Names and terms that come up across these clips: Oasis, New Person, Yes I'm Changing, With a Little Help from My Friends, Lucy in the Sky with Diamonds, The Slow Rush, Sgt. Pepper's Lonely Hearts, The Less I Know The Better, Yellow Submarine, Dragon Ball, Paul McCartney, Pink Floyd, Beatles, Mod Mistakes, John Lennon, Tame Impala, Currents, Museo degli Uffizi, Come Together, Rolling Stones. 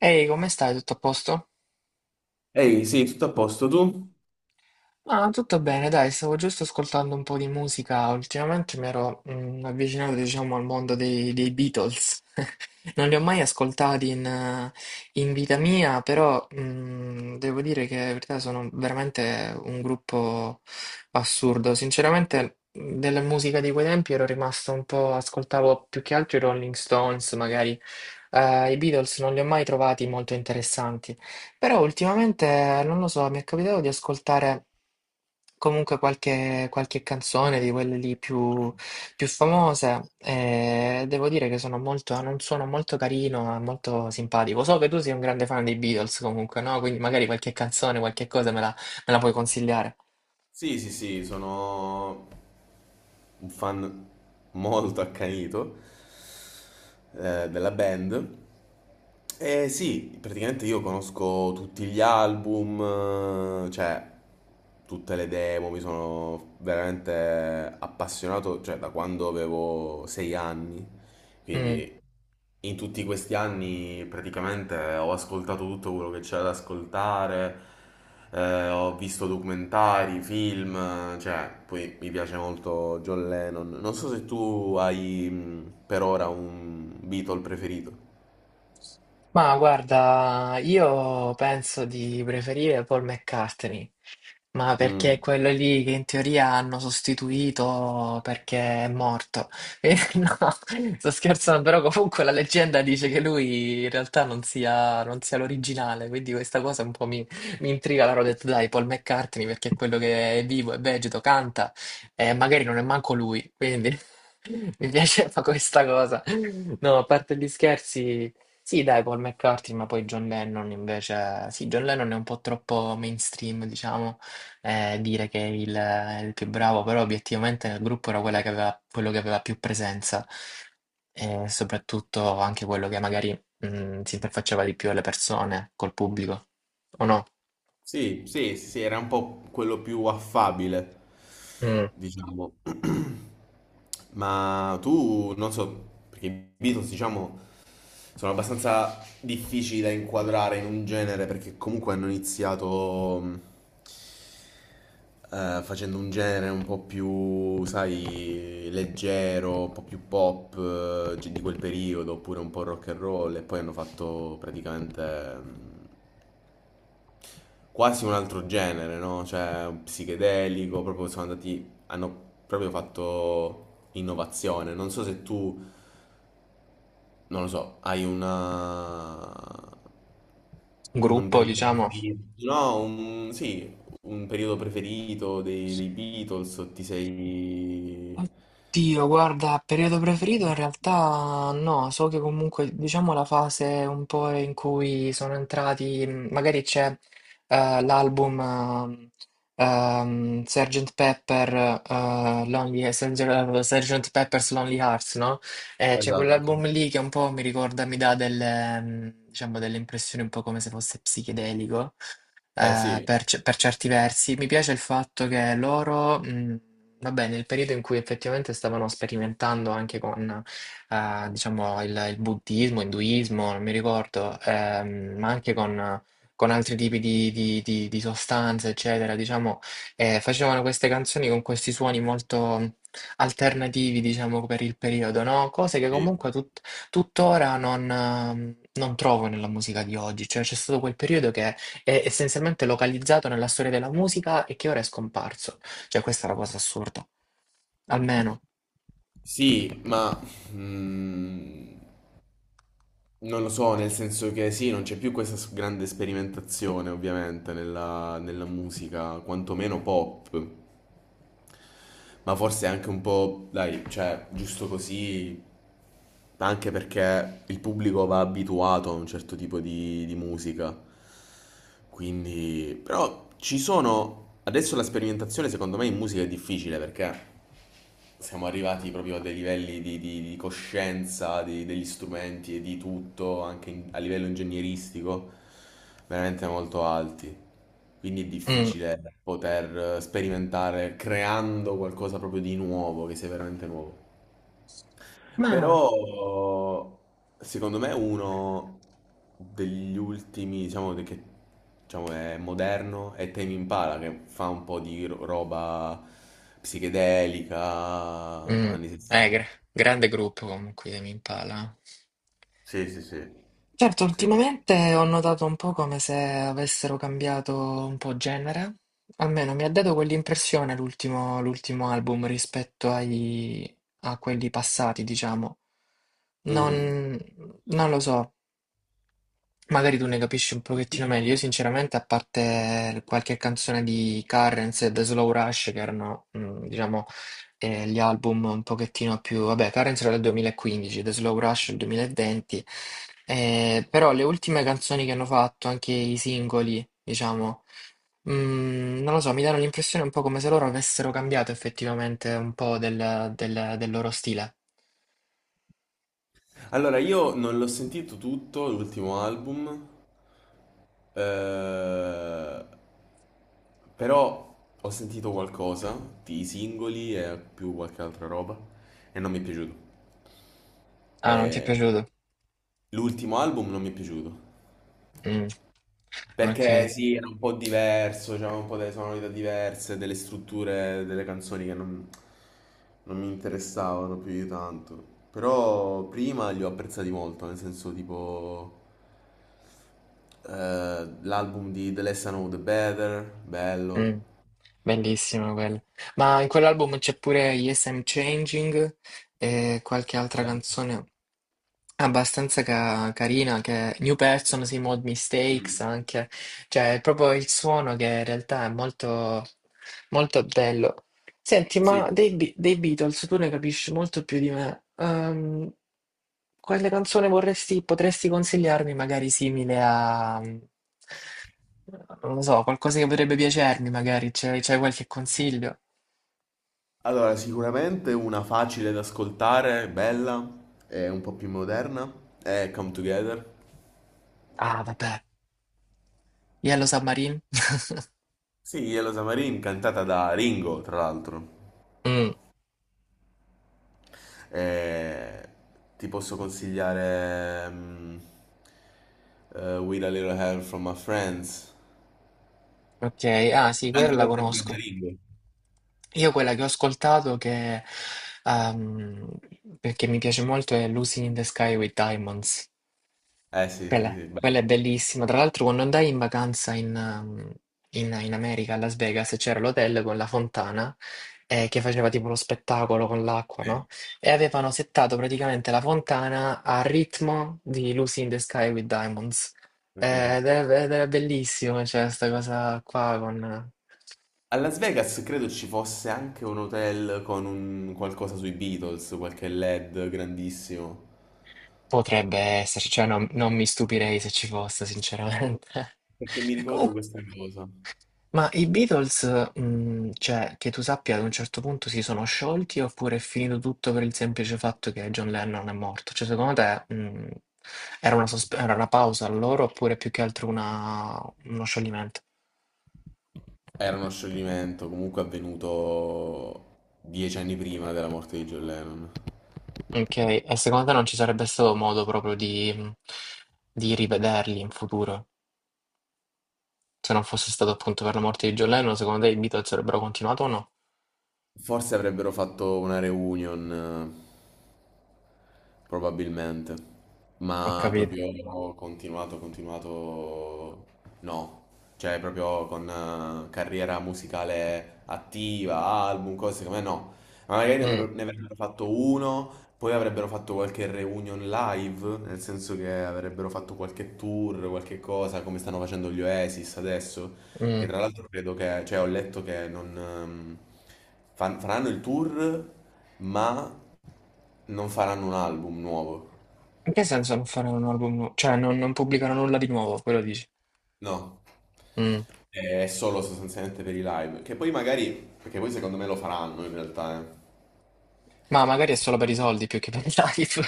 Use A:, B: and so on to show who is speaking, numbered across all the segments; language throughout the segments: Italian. A: Ehi, come stai? Tutto a posto?
B: Ehi, sì, tutto a posto, tu?
A: Ah, tutto bene, dai, stavo giusto ascoltando un po' di musica. Ultimamente mi ero avvicinato, diciamo, al mondo dei Beatles. Non li ho mai ascoltati in in vita mia, però devo dire che in verità sono veramente un gruppo assurdo. Sinceramente, della musica di quei tempi ero rimasto un po', ascoltavo più che altro i Rolling Stones, magari. I Beatles non li ho mai trovati molto interessanti. Però ultimamente, non lo so, mi è capitato di ascoltare comunque qualche canzone di quelle lì più famose, e devo dire che sono molto, hanno un suono molto carino e molto simpatico. So che tu sei un grande fan dei Beatles comunque, no? Quindi magari qualche canzone, qualche cosa me la puoi consigliare.
B: Sì, sì, sì, sono un fan molto accanito della band. E sì, praticamente io conosco tutti gli album, cioè tutte le demo, mi sono veramente appassionato, cioè da quando avevo 6 anni.
A: Mm.
B: Quindi in tutti questi anni praticamente ho ascoltato tutto quello che c'era da ascoltare, ho visto documentari, film, cioè poi mi piace molto John Lennon. Non so se tu hai per ora un Beatle preferito.
A: Ma guarda, io penso di preferire Paul McCartney. Ma perché è
B: Mm.
A: quello lì che in teoria hanno sostituito perché è morto. No, sto scherzando, però comunque la leggenda dice che lui in realtà non sia l'originale, quindi questa cosa un po' mi intriga. Allora ho detto dai, Paul McCartney perché è quello che è vivo, è vegeto, canta e magari non è manco lui, quindi mi piaceva questa cosa. No, a parte gli scherzi. Sì, dai, Paul McCartney, ma poi John Lennon invece. Sì, John Lennon è un po' troppo mainstream, diciamo, dire che è il più bravo, però obiettivamente nel gruppo era quello che aveva più presenza, e soprattutto anche quello che magari si interfacciava di più alle persone, col pubblico, o no?
B: Sì, sì, sì, era un po' quello più affabile,
A: Mm.
B: diciamo. Ma tu, non so, perché i Beatles, diciamo... sono abbastanza difficili da inquadrare in un genere perché comunque hanno iniziato facendo un genere un po' più, sai, leggero, un po' più pop di quel periodo, oppure un po' rock and roll e poi hanno fatto praticamente mh, quasi un altro genere, no? Cioè, un psichedelico, proprio sono andati, hanno proprio fatto innovazione. Non so se tu, non lo so, hai una un
A: Gruppo,
B: periodo
A: diciamo.
B: preferito, no, un, sì, un periodo preferito dei Beatles, o ti sei...
A: Oddio, guarda, periodo preferito in realtà no. So che comunque diciamo la fase un po' in cui sono entrati, magari c'è l'album Sgt. Sgt. Pepper's Lonely Hearts, no? C'è
B: Esatto, sì.
A: quell'album lì che un po' mi ricorda, mi dà delle, diciamo, delle impressioni un po' come se fosse psichedelico,
B: Eh sì,
A: per certi versi. Mi piace il fatto che loro, vabbè, nel periodo in cui effettivamente stavano sperimentando anche con, diciamo, il buddismo, induismo, non mi ricordo, ma anche con altri tipi di sostanze, eccetera, diciamo, facevano queste canzoni con questi suoni molto alternativi, diciamo, per il periodo, no? Cose che
B: sì.
A: comunque tuttora non, non trovo nella musica di oggi, cioè c'è stato quel periodo che è essenzialmente localizzato nella storia della musica e che ora è scomparso. Cioè, questa è la cosa assurda. Almeno.
B: Sì, ma mm, non lo so, nel senso che sì, non c'è più questa s- grande sperimentazione ovviamente nella musica, quantomeno pop. Ma forse anche un po', dai, cioè, giusto così, anche perché il pubblico va abituato a un certo tipo di musica. Quindi, però ci sono, adesso la sperimentazione secondo me in musica è difficile perché siamo arrivati proprio a dei livelli di coscienza di- degli strumenti e di tutto, anche in- a livello ingegneristico, veramente molto alti. Quindi è
A: Mm.
B: difficile poter sperimentare creando qualcosa proprio di nuovo, che sia veramente nuovo.
A: Ma
B: Però secondo me è uno degli ultimi, diciamo, de- che diciamo, è moderno, è Tame Impala che fa un po' di ro- roba psichedelica,
A: mm.
B: anni 60.
A: Eh, gra- grande gruppo comunque di Tame Impala. Eh,
B: Sì, sì, sì.
A: certo,
B: Sì.
A: ultimamente ho notato un po' come se avessero cambiato un po' genere. Almeno mi ha dato quell'impressione l'ultimo album rispetto a quelli passati, diciamo.
B: Mm.
A: Non, non lo so. Magari tu ne capisci un pochettino meglio. Io sinceramente, a parte qualche canzone di Currents e The Slow Rush, che erano, mm, diciamo, gli album un pochettino più. Vabbè, Currents era del 2015, The Slow Rush del 2020, però le ultime canzoni che hanno fatto, anche i singoli, diciamo, mm, non lo so, mi danno l'impressione un po' come se loro avessero cambiato effettivamente un po' del loro stile.
B: Allora, io non l'ho sentito tutto, l'ultimo album, eh, però ho sentito qualcosa di singoli e più qualche altra roba e non mi è piaciuto.
A: Ah, non ti è
B: Eh,
A: piaciuto?
B: l'ultimo album non mi è piaciuto.
A: Mm,
B: Perché
A: ok.
B: sì, era un po' diverso, c'era un po' delle sonorità diverse, delle strutture delle canzoni che non, non mi interessavano più di tanto. Però prima li ho apprezzati molto, nel senso tipo l'album di The Less I Know The Better, bello.
A: Mh, bellissimo quello. Ma in quell'album c'è pure Yes I'm Changing e qualche altra
B: Esatto.
A: canzone abbastanza carina che è New Person, sì, Mod Mistakes
B: Mm.
A: anche. Cioè, è proprio il suono che in realtà è molto, molto bello. Senti,
B: Sì.
A: ma dei Beatles tu ne capisci molto più di me. Quale canzone vorresti, potresti consigliarmi, magari simile a, mm, non lo so, qualcosa che potrebbe piacermi, magari c'è qualche consiglio?
B: Allora, sicuramente una facile da ascoltare, bella, e un po' più moderna, è Come Together.
A: Ah, vabbè, Yellow Submarine?
B: Sì, Yellow Submarine cantata da Ringo, tra l'altro.
A: Mm,
B: Eh, ti posso consigliare With a Little Help from My Friends.
A: ok, ah sì, quella
B: Cantata
A: la
B: sempre da
A: conosco.
B: Ringo.
A: Io quella che ho ascoltato che, ehm, perché mi piace molto è Lucy in the Sky with Diamonds.
B: Eh sì, sì,
A: Quella,
B: sì,
A: quella è
B: bello,
A: bellissima. Tra l'altro, quando andai in vacanza in, in America, a Las Vegas, c'era l'hotel con la fontana, che faceva tipo lo spettacolo con l'acqua,
B: sì,
A: no? E avevano settato praticamente la fontana a ritmo di Lucy in the Sky with Diamonds.
B: ok.
A: Ed era bellissimo, cioè, sta cosa qua con.
B: A Las Vegas credo ci fosse anche un hotel con un qualcosa sui Beatles, qualche LED grandissimo.
A: Potrebbe esserci, cioè non, non mi stupirei se ci fosse, sinceramente.
B: Perché mi ricordo
A: Comunque.
B: questa cosa.
A: Ma i Beatles, mhmm, cioè, che tu sappia, ad un certo punto si sono sciolti oppure è finito tutto per il semplice fatto che John Lennon è morto? Cioè, secondo te, mhmm, era una sosp era una pausa a loro oppure più che altro una uno scioglimento?
B: Era uno scioglimento comunque avvenuto 10 anni prima della morte di John Lennon.
A: Okay, e secondo te non ci sarebbe stato modo proprio di mhmm, di rivederli in futuro? Se non fosse stato appunto per la morte di John Lennon, secondo te i Beatles avrebbero continuato o no?
B: Forse avrebbero fatto una reunion, probabilmente,
A: Ho
B: ma
A: capito.
B: proprio continuato, continuato, no, cioè proprio con carriera musicale attiva, album, cose come no. Ma magari ne
A: Mh,
B: avrebbero ne avrebbero fatto uno, poi avrebbero fatto qualche reunion live, nel senso che avrebbero fatto qualche tour, qualche cosa, come stanno facendo gli Oasis adesso. Che
A: mh.
B: tra l'altro credo che, cioè ho letto che non fan- faranno il tour, ma non faranno un album nuovo.
A: In che senso non fare un album nu cioè non pubblicare nulla di nuovo, quello dici?
B: No,
A: Mh.
B: è solo sostanzialmente per i live. Che poi magari, perché poi secondo me lo faranno in realtà, eh.
A: Ma magari è
B: Sì.
A: solo per i soldi più che per i live.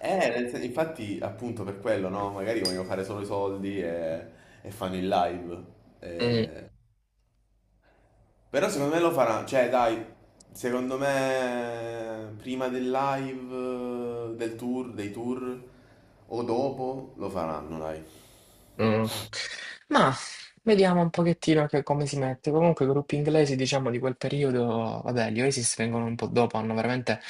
B: Nel sen- infatti appunto per quello, no? Magari vogliono fare solo i soldi e fanno il live. Eh, Però secondo me lo farà, cioè dai, secondo me prima del live, del tour, dei tour, o dopo lo faranno, dai.
A: Mm. Ma vediamo un pochettino che come si mette. Comunque i gruppi inglesi, diciamo, di quel periodo, vabbè, gli Oasis vengono un po' dopo, hanno veramente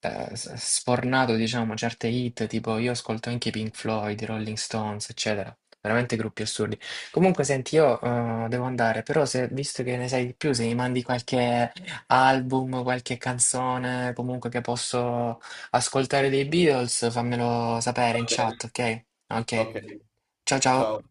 A: sfornato, diciamo, certe hit, tipo io ascolto anche i Pink Floyd, i Rolling Stones, eccetera. Veramente gruppi assurdi. Comunque, senti, io devo andare, però se, visto che ne sai di più, se mi mandi qualche album, qualche canzone, comunque che posso ascoltare dei Beatles, fammelo sapere in
B: Va bene.
A: chat, ok? Okay,
B: Ok,
A: ciao ciao.
B: ciao.